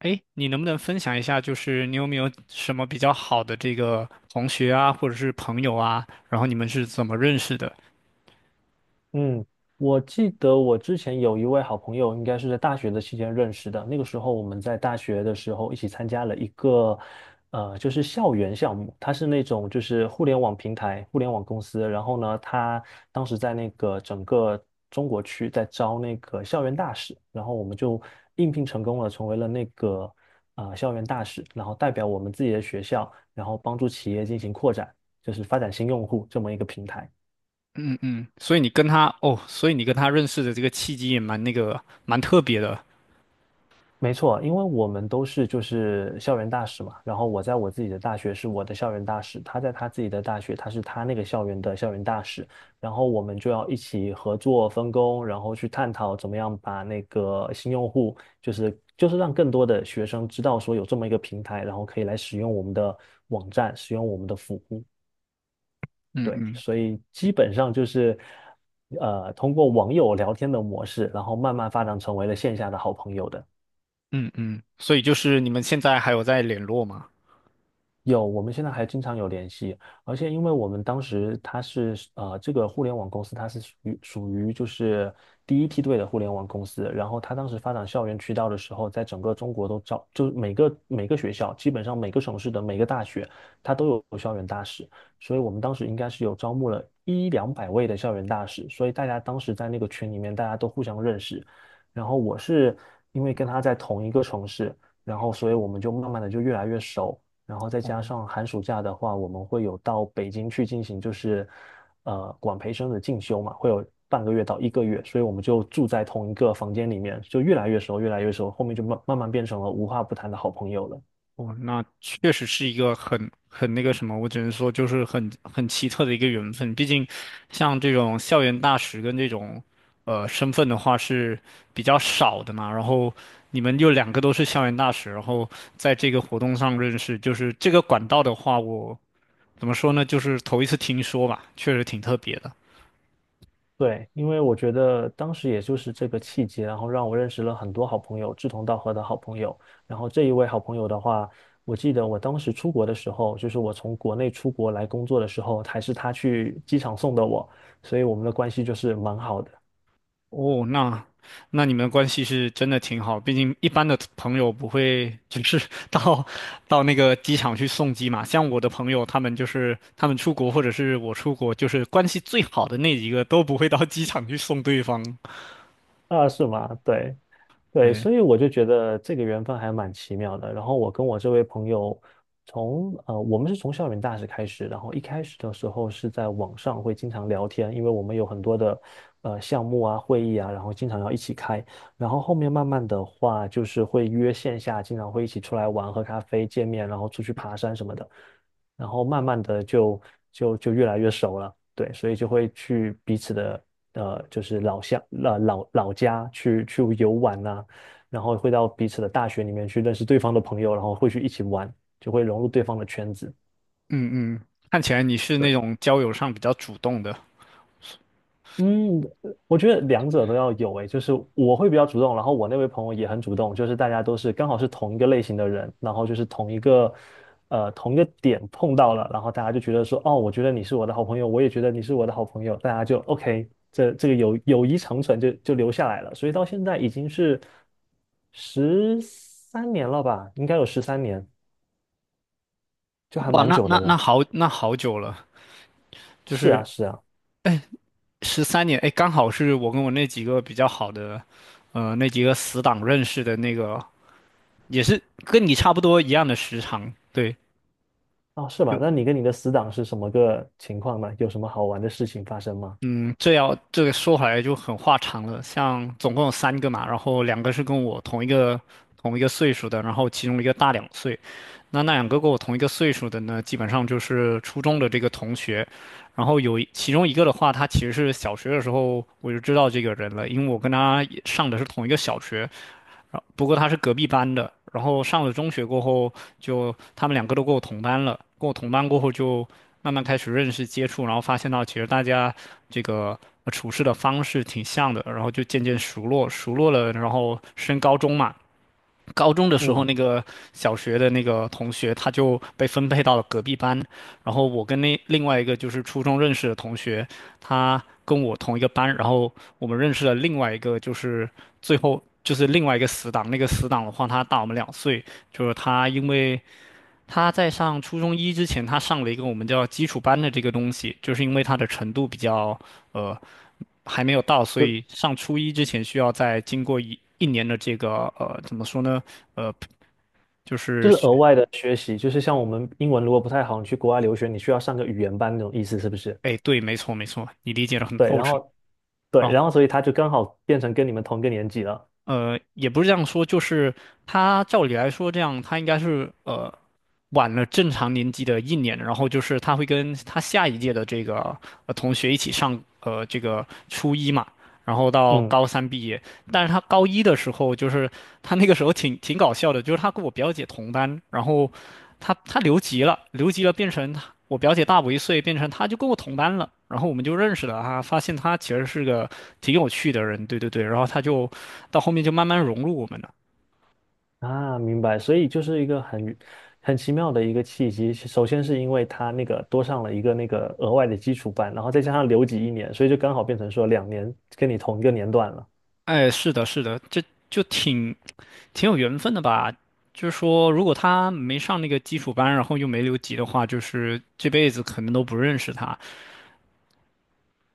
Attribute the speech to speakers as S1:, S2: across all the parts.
S1: 哎，你能不能分享一下，就是你有没有什么比较好的这个同学啊，或者是朋友啊，然后你们是怎么认识的？
S2: 嗯，我记得我之前有一位好朋友，应该是在大学的期间认识的。那个时候我们在大学的时候一起参加了一个，就是校园项目。它是那种就是互联网平台、互联网公司。然后呢，他当时在那个整个中国区在招那个校园大使，然后我们就应聘成功了，成为了那个校园大使，然后代表我们自己的学校，然后帮助企业进行扩展，就是发展新用户这么一个平台。
S1: 嗯嗯，所以你跟他，哦，所以你跟他认识的这个契机也蛮那个，蛮特别的。
S2: 没错，因为我们都是就是校园大使嘛，然后我在我自己的大学是我的校园大使，他在他自己的大学，他是他那个校园的校园大使，然后我们就要一起合作分工，然后去探讨怎么样把那个新用户，就是让更多的学生知道说有这么一个平台，然后可以来使用我们的网站，使用我们的服务。
S1: 嗯
S2: 对，
S1: 嗯
S2: 所以基本上就是通过网友聊天的模式，然后慢慢发展成为了线下的好朋友的。
S1: 嗯嗯，所以就是你们现在还有在联络吗？
S2: 有，我们现在还经常有联系，而且因为我们当时他是这个互联网公司它是属于就是第一梯队的互联网公司，然后他当时发展校园渠道的时候，在整个中国都招，就是每个学校，基本上每个省市的每个大学，他都有校园大使，所以我们当时应该是有招募了一两百位的校园大使，所以大家当时在那个群里面，大家都互相认识，然后我是因为跟他在同一个城市，然后所以我们就慢慢的就越来越熟。然后再加
S1: 哦
S2: 上寒暑假的话，我们会有到北京去进行就是管培生的进修嘛，会有半个月到一个月，所以我们就住在同一个房间里面，就越来越熟，越来越熟，后面就慢慢变成了无话不谈的好朋友了。
S1: 哦，那确实是一个很那个什么，我只能说就是很奇特的一个缘分。毕竟，像这种校园大使跟这种身份的话是比较少的嘛。然后你们又两个都是校园大使，然后在这个活动上认识，就是这个管道的话，我怎么说呢？就是头一次听说吧，确实挺特别的。
S2: 对，因为我觉得当时也就是这个契机，然后让我认识了很多好朋友，志同道合的好朋友。然后这一位好朋友的话，我记得我当时出国的时候，就是我从国内出国来工作的时候，还是他去机场送的我，所以我们的关系就是蛮好的。
S1: 哦，那你们的关系是真的挺好，毕竟一般的朋友不会只是 到到那个机场去送机嘛。像我的朋友，他们就是他们出国或者是我出国，就是关系最好的那几个都不会到机场去送对方。
S2: 啊，是吗？对，对，
S1: 对，
S2: 所以我就觉得这个缘分还蛮奇妙的。然后我跟我这位朋友我们是从校园大使开始，然后一开始的时候是在网上会经常聊天，因为我们有很多的项目啊、会议啊，然后经常要一起开。然后后面慢慢的话，就是会约线下，经常会一起出来玩、喝咖啡、见面，然后出去爬山什么的。然后慢慢的就越来越熟了，对，所以就会去彼此的，就是老乡、老家去游玩呐、然后会到彼此的大学里面去认识对方的朋友，然后会去一起玩，就会融入对方的圈子。
S1: 嗯嗯，看起来你是那
S2: 对，
S1: 种交友上比较主动的。
S2: 嗯，我觉得两者都要有诶，就是我会比较主动，然后我那位朋友也很主动，就是大家都是刚好是同一个类型的人，然后就是同一个点碰到了，然后大家就觉得说，哦，我觉得你是我的好朋友，我也觉得你是我的好朋友，大家就 OK，这个友谊长存就留下来了，所以到现在已经是十三年了吧，应该有十三年，就还
S1: 哇，
S2: 蛮
S1: 那
S2: 久
S1: 那
S2: 的
S1: 那
S2: 了。
S1: 好，那好久了，就
S2: 是啊，
S1: 是
S2: 是啊，
S1: 13年，哎，刚好是我跟我那几个比较好的，呃，那几个死党认识的那个。也是跟你差不多一样的时长，对，
S2: 哦，是吧？
S1: 就
S2: 那你跟你的死党是什么个情况呢？有什么好玩的事情发生吗？
S1: 嗯，这要这个说回来就很话长了。像总共有三个嘛，然后两个是跟我同一个岁数的，然后其中一个大2岁。那两个跟我同一个岁数的呢，基本上就是初中的这个同学。然后其中一个的话，他其实是小学的时候我就知道这个人了，因为我跟他也上的是同一个小学。然后不过他是隔壁班的，然后上了中学过后就，他们两个都跟我同班了，跟我同班过后就慢慢开始认识接触，然后发现到其实大家这个处事的方式挺像的，然后就渐渐熟络，熟络了，然后升高中嘛，高中的时候，
S2: 嗯，
S1: 那个小学的那个同学，他就被分配到了隔壁班。然后我跟那另外一个就是初中认识的同学，他跟我同一个班。然后我们认识了另外一个，就是最后就是另外一个死党。那个死党的话，他大我们2岁，就是他因为他在上初中一之前，他上了一个我们叫基础班的这个东西，就是因为他的程度比较呃还没有到，所以
S2: 就
S1: 上初一之前需要再经过一年的这个怎么说呢？呃，就
S2: 就
S1: 是
S2: 是
S1: 学，
S2: 额外的学习，就是像我们英文如果不太好，你去国外留学，你需要上个语言班那种意思，是不是？
S1: 哎，对，没错没错，你理解的很
S2: 对，
S1: 透
S2: 然
S1: 彻。
S2: 后对，
S1: 然
S2: 然
S1: 后
S2: 后所以他就刚好变成跟你们同一个年级了。
S1: 也不是这样说，就是他照理来说，这样他应该是晚了正常年级的一年，然后就是他会跟他下一届的这个同学一起上这个初一嘛，然后到
S2: 嗯，
S1: 高三毕业。但是他高一的时候，就是他那个时候挺搞笑的，就是他跟我表姐同班，然后他留级了，留级了变成他我表姐大我1岁，变成他就跟我同班了，然后我们就认识了他，发现他其实是个挺有趣的人，对对对，然后他就到后面就慢慢融入我们了。
S2: 啊，明白。所以就是一个很奇妙的一个契机。首先是因为他那个多上了一个那个额外的基础班，然后再加上留级一年，所以就刚好变成说2年跟你同一个年段了。
S1: 哎，是的，是的，这就挺有缘分的吧？就是说，如果他没上那个基础班，然后又没留级的话，就是这辈子可能都不认识他。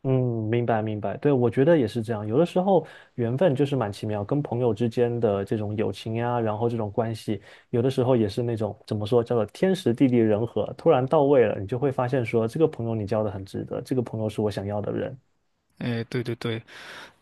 S2: 嗯，明白明白，对，我觉得也是这样。有的时候缘分就是蛮奇妙，跟朋友之间的这种友情呀，然后这种关系，有的时候也是那种怎么说，叫做天时地利人和，突然到位了，你就会发现说，这个朋友你交的很值得，这个朋友是我想要的人。
S1: 哎，对对对。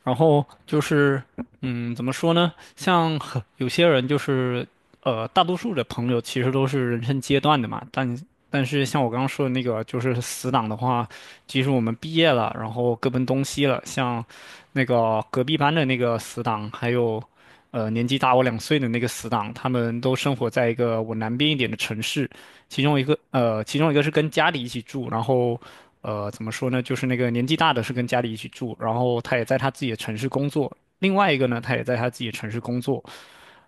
S1: 然后就是，嗯，怎么说呢？像很有些人就是，大多数的朋友其实都是人生阶段的嘛。但是像我刚刚说的那个，就是死党的话，即使我们毕业了，然后各奔东西了，像那个隔壁班的那个死党，还有，年纪大我2岁的那个死党，他们都生活在一个我南边一点的城市。其中一个其中一个是跟家里一起住，然后怎么说呢，就是那个年纪大的是跟家里一起住，然后他也在他自己的城市工作，另外一个呢，他也在他自己的城市工作，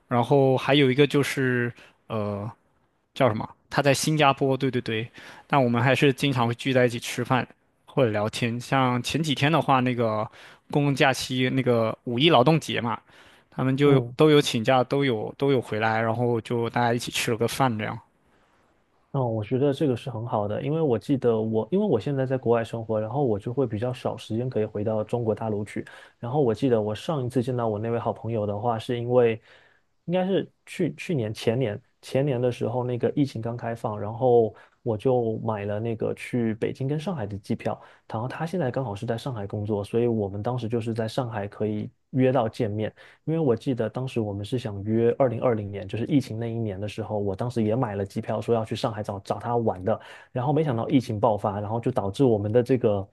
S1: 然后还有一个就是呃，叫什么？他在新加坡，对对对，但我们还是经常会聚在一起吃饭或者聊天。像前几天的话，那个公共假期，那个五一劳动节嘛，他们就
S2: 嗯。
S1: 都有请假，都有回来，然后就大家一起吃了个饭这样。
S2: 嗯，我觉得这个是很好的，因为我记得我，因为我现在在国外生活，然后我就会比较少时间可以回到中国大陆去。然后我记得我上一次见到我那位好朋友的话，是因为应该是去去年前年前年的时候，那个疫情刚开放，然后我就买了那个去北京跟上海的机票。然后他现在刚好是在上海工作，所以我们当时就是在上海可以约到见面。因为我记得当时我们是想约二零二零年，就是疫情那一年的时候，我当时也买了机票，说要去上海找找他玩的，然后没想到疫情爆发，然后就导致我们的这个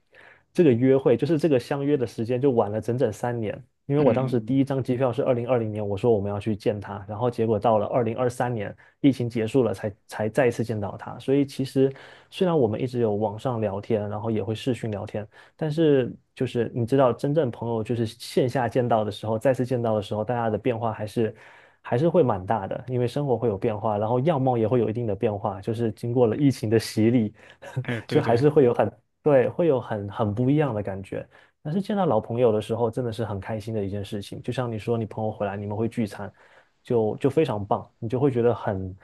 S2: 这个约会，就是这个相约的时间就晚了整整三年。因为
S1: 嗯
S2: 我当
S1: 嗯
S2: 时第
S1: 嗯。
S2: 一张机票是二零二零年，我说我们要去见他，然后结果到了2023年，疫情结束了才再一次见到他。所以其实虽然我们一直有网上聊天，然后也会视讯聊天，但是就是你知道，真正朋友就是线下见到的时候，再次见到的时候，大家的变化还是会蛮大的，因为生活会有变化，然后样貌也会有一定的变化，就是经过了疫情的洗礼，
S1: 哎，对
S2: 就还
S1: 对，
S2: 是会有很，对，会有很不一样的感觉。但是见到老朋友的时候，真的是很开心的一件事情。就像你说，你朋友回来，你们会聚餐，就非常棒，你就会觉得很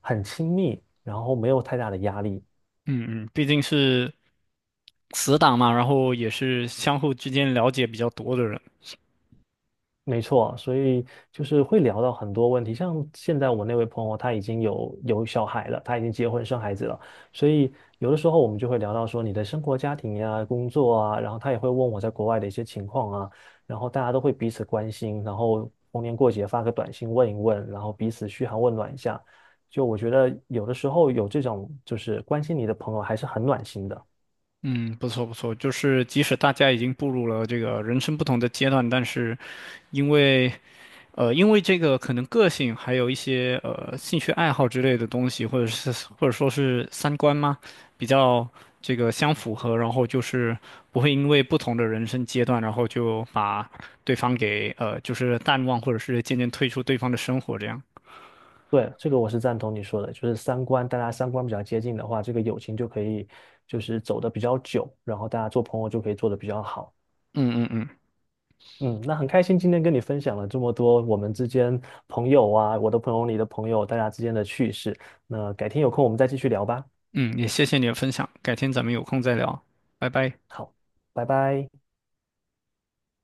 S2: 很亲密，然后没有太大的压力。
S1: 嗯嗯，毕竟是死党嘛，然后也是相互之间了解比较多的人。
S2: 没错，所以就是会聊到很多问题，像现在我那位朋友，他已经有小孩了，他已经结婚生孩子了，所以有的时候我们就会聊到说你的生活、家庭呀、工作啊，然后他也会问我在国外的一些情况啊，然后大家都会彼此关心，然后逢年过节发个短信问一问，然后彼此嘘寒问暖一下，就我觉得有的时候有这种就是关心你的朋友还是很暖心的。
S1: 嗯，不错不错，就是即使大家已经步入了这个人生不同的阶段，但是因为因为这个可能个性，还有一些兴趣爱好之类的东西，或者是或者说是三观嘛，比较这个相符合，然后就是不会因为不同的人生阶段，然后就把对方给就是淡忘，或者是渐渐退出对方的生活这样。
S2: 对，这个我是赞同你说的，就是三观，大家三观比较接近的话，这个友情就可以就是走得比较久，然后大家做朋友就可以做得比较好。
S1: 嗯嗯嗯。
S2: 嗯，那很开心今天跟你分享了这么多我们之间朋友啊，我的朋友，你的朋友，大家之间的趣事。那改天有空我们再继续聊吧。
S1: 嗯，也谢谢你的分享，改天咱们有空再聊，拜拜。
S2: 好，拜拜。